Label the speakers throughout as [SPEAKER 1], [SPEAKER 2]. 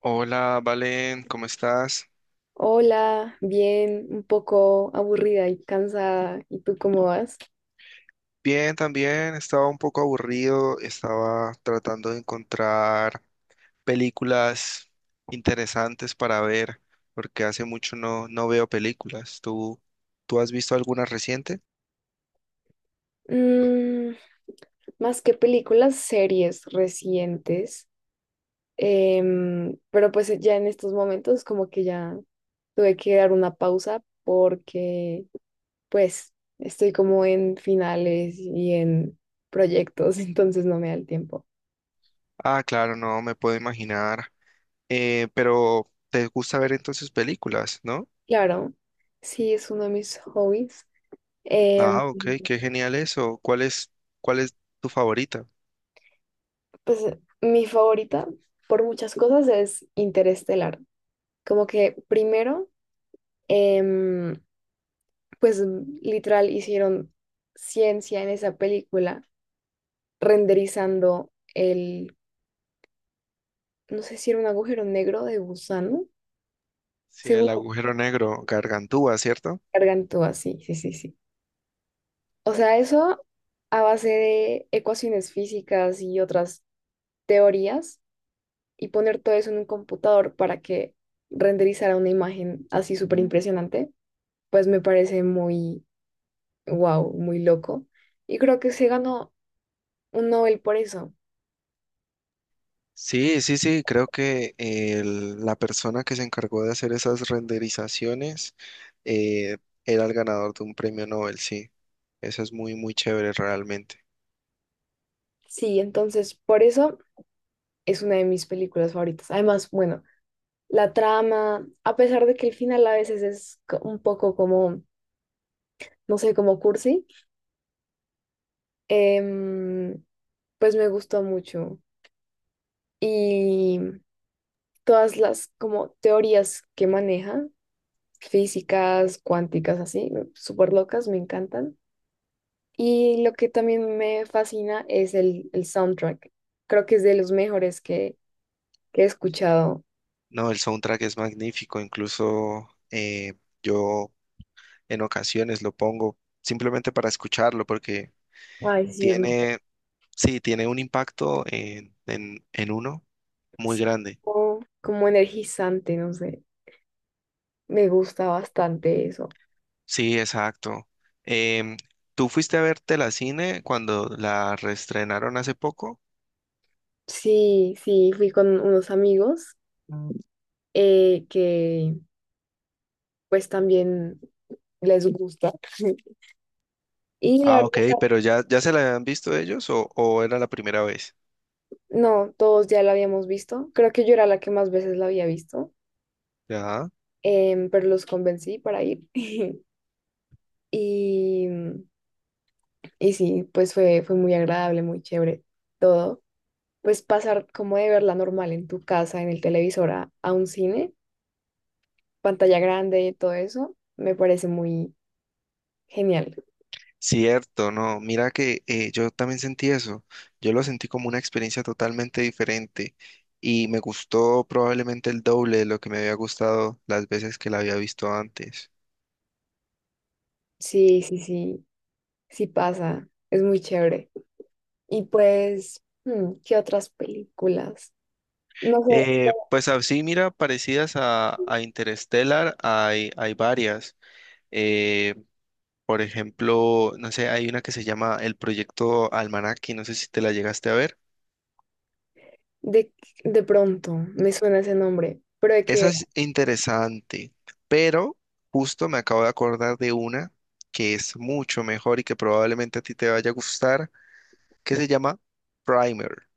[SPEAKER 1] Hola, Valen, ¿cómo estás?
[SPEAKER 2] Hola, bien, un poco aburrida y cansada. ¿Y tú cómo vas?
[SPEAKER 1] Bien, también estaba un poco aburrido, estaba tratando de encontrar películas interesantes para ver, porque hace mucho no veo películas. ¿Tú has visto alguna reciente?
[SPEAKER 2] Mm, más que películas, series recientes. Ya en estos momentos, como que ya tuve que dar una pausa porque pues estoy como en finales y en proyectos, entonces no me da el tiempo.
[SPEAKER 1] Ah, claro, no, me puedo imaginar. Pero te gusta ver entonces películas, ¿no?
[SPEAKER 2] Claro, sí, es uno de mis hobbies. Em,
[SPEAKER 1] Ah, ok, qué genial eso. ¿Cuál es tu favorita?
[SPEAKER 2] Pues mi favorita por muchas cosas es Interestelar. Como que primero, em, pues literal hicieron ciencia en esa película, renderizando no sé si era un agujero negro de gusano,
[SPEAKER 1] Sí,
[SPEAKER 2] según
[SPEAKER 1] el
[SPEAKER 2] lo
[SPEAKER 1] agujero negro, Gargantúa, ¿cierto?
[SPEAKER 2] cargan todo así, sí, sí, sí. O sea, eso a base de ecuaciones físicas y otras teorías, y poner todo eso en un computador para que renderizara una imagen así súper impresionante, pues me parece muy, wow, muy loco. Y creo que se ganó un Nobel por eso.
[SPEAKER 1] Sí, sí, sí, creo que la persona que se encargó de hacer esas renderizaciones eh, era el ganador de un premio Nobel, sí. Eso es muy, muy chévere realmente.
[SPEAKER 2] Sí, entonces por eso es una de mis películas favoritas. Además, bueno, la trama, a pesar de que el final a veces es un poco como, no sé, como cursi, em, pues me gustó mucho. Y todas las como teorías que maneja, físicas, cuánticas, así, súper locas, me encantan. Y lo que también me fascina es el soundtrack. Creo que es de los mejores que he escuchado.
[SPEAKER 1] No, el soundtrack es magnífico, incluso yo en ocasiones lo pongo simplemente para escucharlo porque
[SPEAKER 2] Ay, sí, es muy,
[SPEAKER 1] tiene, sí, tiene un impacto en uno muy
[SPEAKER 2] sí,
[SPEAKER 1] grande.
[SPEAKER 2] como, como energizante, no sé. Me gusta bastante eso.
[SPEAKER 1] Sí, exacto. Em, ¿Tú fuiste a verte la cine cuando la reestrenaron hace poco?
[SPEAKER 2] Sí, sí, fui con unos amigos que pues también les gusta. Y la
[SPEAKER 1] Ah,
[SPEAKER 2] verdad,
[SPEAKER 1] ok, pero ya se la habían visto ellos o era la primera vez.
[SPEAKER 2] no, todos ya la habíamos visto. Creo que yo era la que más veces la había visto,
[SPEAKER 1] Ya.
[SPEAKER 2] pero los convencí para ir. Y Y sí, pues fue muy agradable, muy chévere todo. Pues pasar como de verla normal en tu casa, en el televisor, a un cine, pantalla grande y todo eso, me parece muy genial.
[SPEAKER 1] Cierto, no, mira que yo también sentí eso. Yo lo sentí como una experiencia totalmente diferente y me gustó probablemente el doble de lo que me había gustado las veces que la había visto antes.
[SPEAKER 2] Sí, sí, sí, sí pasa, es muy chévere. Y pues, hmm, ¿qué otras películas? No sé,
[SPEAKER 1] Pues así, mira, parecidas a Interstellar hay, hay varias. Eh, por ejemplo, no sé, hay una que se llama El Proyecto Almanaque, no sé si te la llegaste a ver.
[SPEAKER 2] de, de pronto me suena ese nombre, pero de qué
[SPEAKER 1] Esa
[SPEAKER 2] era,
[SPEAKER 1] es interesante, pero justo me acabo de acordar de una que es mucho mejor y que probablemente a ti te vaya a gustar, que se llama Primer.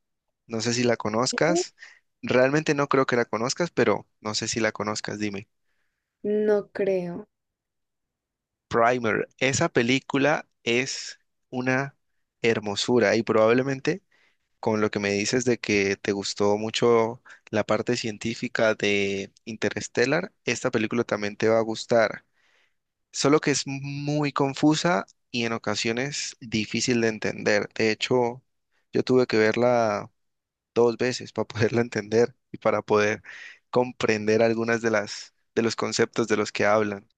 [SPEAKER 1] No sé si la conozcas. Realmente no creo que la conozcas, pero no sé si la conozcas, dime.
[SPEAKER 2] no creo.
[SPEAKER 1] Primer, esa película es una hermosura y probablemente con lo que me dices de que te gustó mucho la parte científica de Interstellar, esta película también te va a gustar. Solo que es muy confusa y en ocasiones difícil de entender. De hecho, yo tuve que verla dos veces para poderla entender y para poder comprender algunas de las de los conceptos de los que hablan.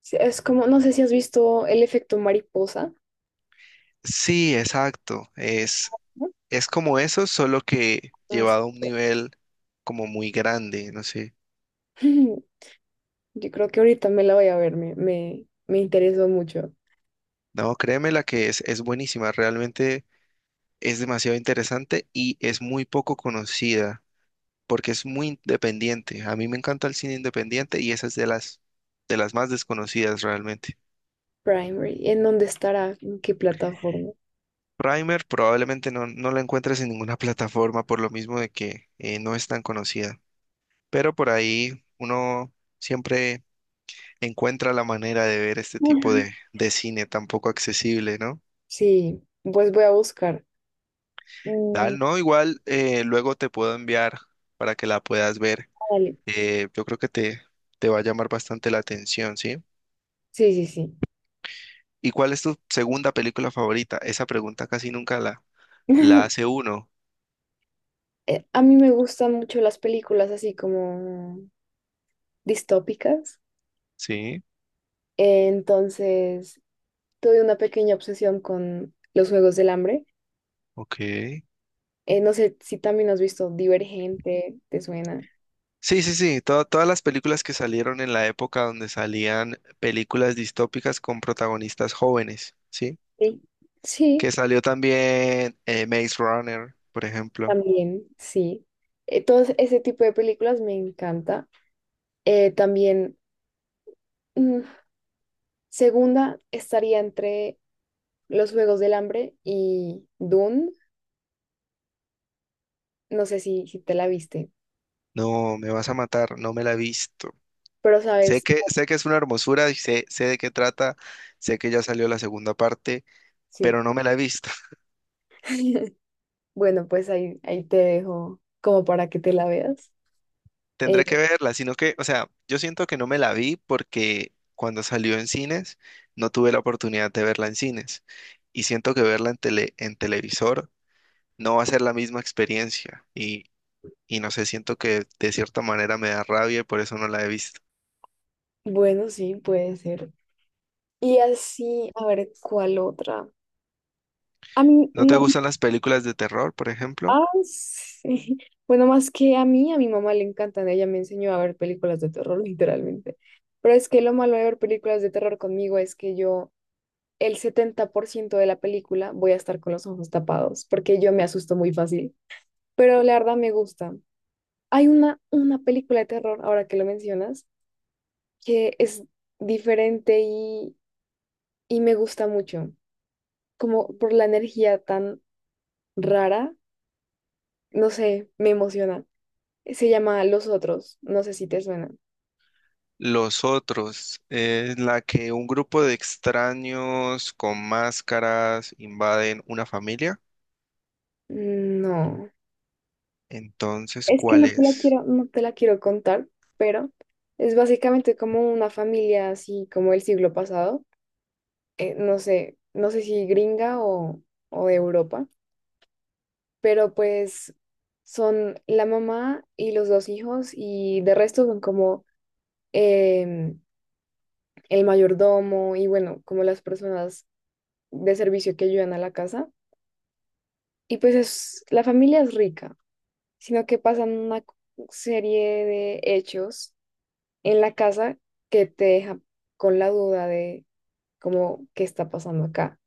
[SPEAKER 2] Sí, es como, no sé si has visto El efecto mariposa.
[SPEAKER 1] Sí, exacto.
[SPEAKER 2] ¿No?
[SPEAKER 1] Es como eso, solo que
[SPEAKER 2] No sé.
[SPEAKER 1] llevado a un nivel como muy grande, no sé.
[SPEAKER 2] Yo creo que ahorita me la voy a ver, me interesó mucho.
[SPEAKER 1] No, créeme la que es buenísima, realmente es demasiado interesante y es muy poco conocida. Porque es muy independiente. A mí me encanta el cine independiente y esa es de de las más desconocidas realmente.
[SPEAKER 2] Primary, ¿en dónde estará? ¿En qué plataforma?
[SPEAKER 1] Primer probablemente no la encuentres en ninguna plataforma por lo mismo de que no es tan conocida, pero por ahí uno siempre encuentra la manera de ver este tipo
[SPEAKER 2] Ujú.
[SPEAKER 1] de cine tan poco accesible, ¿no?
[SPEAKER 2] Sí, pues voy a buscar. Mm,
[SPEAKER 1] Dal, no, igual luego te puedo enviar para que la puedas ver.
[SPEAKER 2] dale.
[SPEAKER 1] Yo creo que te va a llamar bastante la atención, ¿sí?
[SPEAKER 2] Sí, sí, sí.
[SPEAKER 1] ¿Y cuál es tu segunda película favorita? Esa pregunta casi nunca la hace uno.
[SPEAKER 2] A mí me gustan mucho las películas así como distópicas.
[SPEAKER 1] Sí,
[SPEAKER 2] Entonces, tuve una pequeña obsesión con los Juegos del Hambre.
[SPEAKER 1] ok.
[SPEAKER 2] No sé si también has visto Divergente, ¿te suena?
[SPEAKER 1] Sí, sí, sí. Todas las películas que salieron en la época donde salían películas distópicas con protagonistas jóvenes, ¿sí?
[SPEAKER 2] Sí. Sí,
[SPEAKER 1] Que salió también Maze Runner, por ejemplo.
[SPEAKER 2] también, sí. Todo ese tipo de películas me encanta. Eh, también, mm, Segunda estaría entre Los Juegos del Hambre y Dune. No sé si te la viste,
[SPEAKER 1] No, me vas a matar, no me la he visto.
[SPEAKER 2] pero
[SPEAKER 1] Sé
[SPEAKER 2] sabes,
[SPEAKER 1] que, sé que es una hermosura y sé de qué trata, sé que ya salió la segunda parte,
[SPEAKER 2] sí.
[SPEAKER 1] pero no me la he visto.
[SPEAKER 2] Bueno, pues ahí te dejo como para que te la veas. Eh,
[SPEAKER 1] Tendré que verla, sino que, o sea, yo siento que no me la vi porque cuando salió en cines no tuve la oportunidad de verla en cines y siento que verla en tele, en televisor no va a ser la misma experiencia y no sé, siento que de cierta manera me da rabia y por eso no la he visto.
[SPEAKER 2] bueno, sí, puede ser. Y así, a ver, ¿cuál otra? A mí
[SPEAKER 1] ¿No te
[SPEAKER 2] no.
[SPEAKER 1] gustan las películas de terror, por ejemplo?
[SPEAKER 2] Ah, sí. Bueno, más que a mí, a mi mamá le encantan. Ella me enseñó a ver películas de terror, literalmente. Pero es que lo malo de ver películas de terror conmigo es que el 70% de la película, voy a estar con los ojos tapados, porque yo me asusto muy fácil. Pero la verdad me gusta. Hay una película de terror, ahora que lo mencionas, que es diferente y me gusta mucho. Como por la energía tan rara, no sé, me emociona. Se llama Los Otros. No sé si te suena.
[SPEAKER 1] Los otros, es la que un grupo de extraños con máscaras invaden una familia.
[SPEAKER 2] No.
[SPEAKER 1] Entonces,
[SPEAKER 2] Es que
[SPEAKER 1] ¿cuál es?
[SPEAKER 2] no te la quiero contar, pero es básicamente como una familia así como el siglo pasado. Eh, no sé, no sé si gringa o de Europa, pero pues son la mamá y los 2 hijos y de resto son como em, el mayordomo y bueno, como las personas de servicio que ayudan a la casa. Y pues es, la familia es rica, sino que pasan una serie de hechos en la casa que te deja con la duda de cómo qué está pasando acá.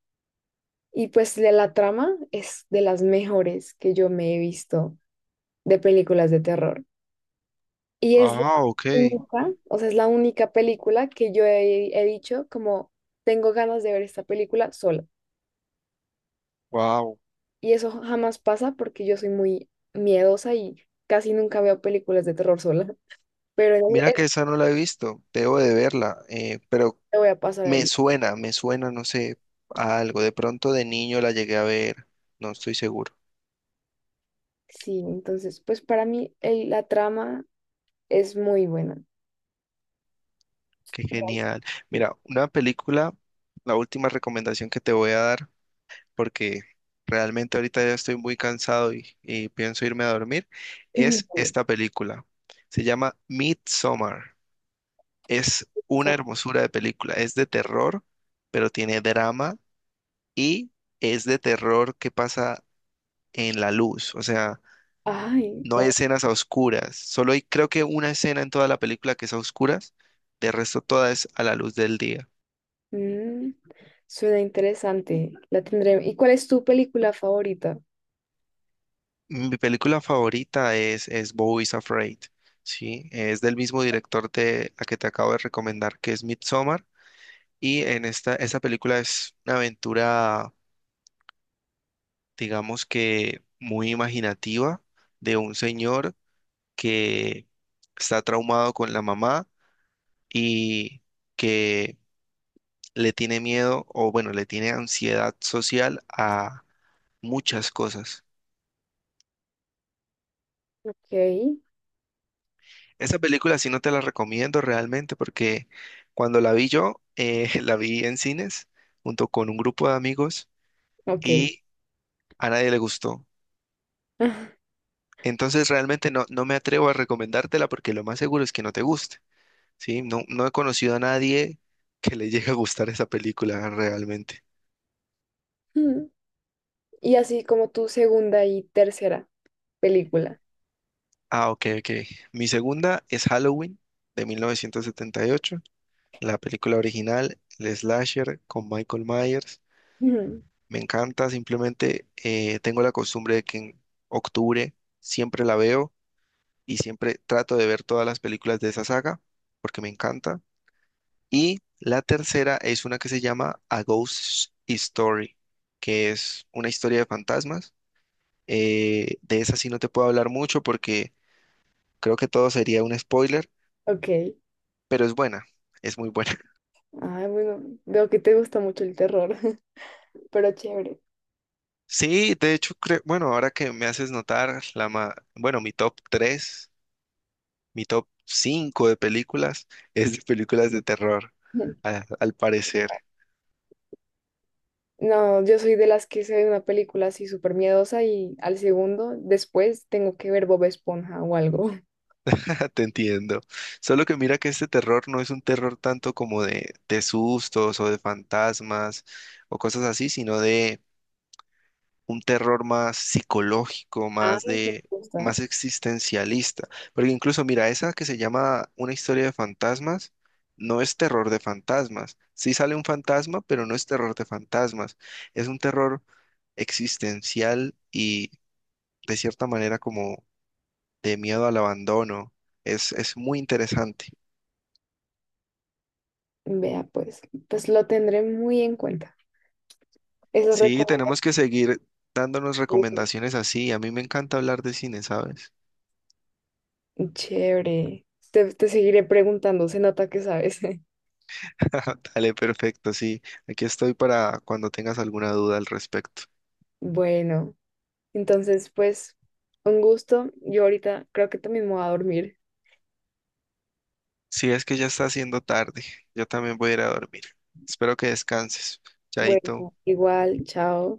[SPEAKER 2] Y pues la trama es de las mejores que yo me he visto de películas de terror. Y es la
[SPEAKER 1] Ah, ok.
[SPEAKER 2] única, o sea, es la única película que yo he dicho como: tengo ganas de ver esta película sola.
[SPEAKER 1] Wow,
[SPEAKER 2] Y eso jamás pasa porque yo soy muy miedosa y casi nunca veo películas de terror sola. Pero en
[SPEAKER 1] mira que esa no la he visto, debo de verla, pero
[SPEAKER 2] te voy a pasar
[SPEAKER 1] me
[SPEAKER 2] el...
[SPEAKER 1] suena, me suena, no sé, a algo. De pronto de niño la llegué a ver, no estoy seguro.
[SPEAKER 2] Sí, entonces, pues para mí la trama es muy buena.
[SPEAKER 1] Qué
[SPEAKER 2] Gracias.
[SPEAKER 1] genial. Mira, una película, la última recomendación que te voy a dar, porque realmente ahorita ya estoy muy cansado y pienso irme a dormir, es esta película. Se llama Midsommar. Es una
[SPEAKER 2] Sa-
[SPEAKER 1] hermosura de película, es de terror, pero tiene drama y es de terror que pasa en la luz, o sea,
[SPEAKER 2] Ay,
[SPEAKER 1] no hay
[SPEAKER 2] wow.
[SPEAKER 1] escenas a oscuras, solo hay creo que una escena en toda la película que es a oscuras, de resto toda es a la luz del día.
[SPEAKER 2] Mm, suena interesante. La tendré. ¿Y cuál es tu película favorita?
[SPEAKER 1] Mi película favorita es Beau is Afraid, ¿sí? Es del mismo director de la que te acabo de recomendar, que es Midsommar, y en esta película es una aventura, digamos que muy imaginativa, de un señor que está traumado con la mamá, y que le tiene miedo o bueno, le tiene ansiedad social a muchas cosas.
[SPEAKER 2] Ok,
[SPEAKER 1] Esa película sí no te la recomiendo realmente porque cuando la vi yo, la vi en cines junto con un grupo de amigos
[SPEAKER 2] ok.
[SPEAKER 1] y a nadie le gustó. Entonces realmente no me atrevo a recomendártela porque lo más seguro es que no te guste, ¿sí? No, no he conocido a nadie que le llegue a gustar esa película realmente.
[SPEAKER 2] Mm, y así como tu segunda y tercera película.
[SPEAKER 1] Ah, ok, ok. Mi segunda es Halloween de 1978, la película original, el slasher con Michael Myers.
[SPEAKER 2] Mm,
[SPEAKER 1] Me encanta, simplemente tengo la costumbre de que en octubre siempre la veo y siempre trato de ver todas las películas de esa saga porque me encanta. Y la tercera es una que se llama A Ghost Story, que es una historia de fantasmas. De esa sí no te puedo hablar mucho porque creo que todo sería un spoiler,
[SPEAKER 2] ok.
[SPEAKER 1] pero es buena, es muy buena.
[SPEAKER 2] Ah, bueno, veo que te gusta mucho el terror, pero chévere.
[SPEAKER 1] Sí, de hecho, creo, bueno, ahora que me haces notar, bueno, mi top 3, mi top 5 de películas es de películas de terror, al parecer,
[SPEAKER 2] No, yo soy de las que se ve una película así súper miedosa y al segundo, después tengo que ver Bob Esponja o algo.
[SPEAKER 1] te entiendo. Solo que mira que este terror no es un terror tanto como de sustos o de fantasmas o cosas así, sino de un terror más psicológico, más
[SPEAKER 2] Ay, qué
[SPEAKER 1] de,
[SPEAKER 2] gusta.
[SPEAKER 1] más existencialista. Porque incluso, mira, esa que se llama Una historia de fantasmas, no es terror de fantasmas. Sí sale un fantasma, pero no es terror de fantasmas. Es un terror existencial y de cierta manera como de miedo al abandono. Es muy interesante.
[SPEAKER 2] Vea, pues, pues lo tendré muy en cuenta, esas
[SPEAKER 1] Sí,
[SPEAKER 2] recomendaciones.
[SPEAKER 1] tenemos que seguir dándonos recomendaciones así. A mí me encanta hablar de cine, ¿sabes?
[SPEAKER 2] Chévere. Te seguiré preguntando, se nota que sabes.
[SPEAKER 1] Dale, perfecto, sí. Aquí estoy para cuando tengas alguna duda al respecto.
[SPEAKER 2] Bueno, entonces, pues, un gusto. Yo ahorita creo que también me voy a dormir.
[SPEAKER 1] Si es que ya está haciendo tarde, yo también voy a ir a dormir. Espero que descanses. Chaito.
[SPEAKER 2] Bueno, igual, chao.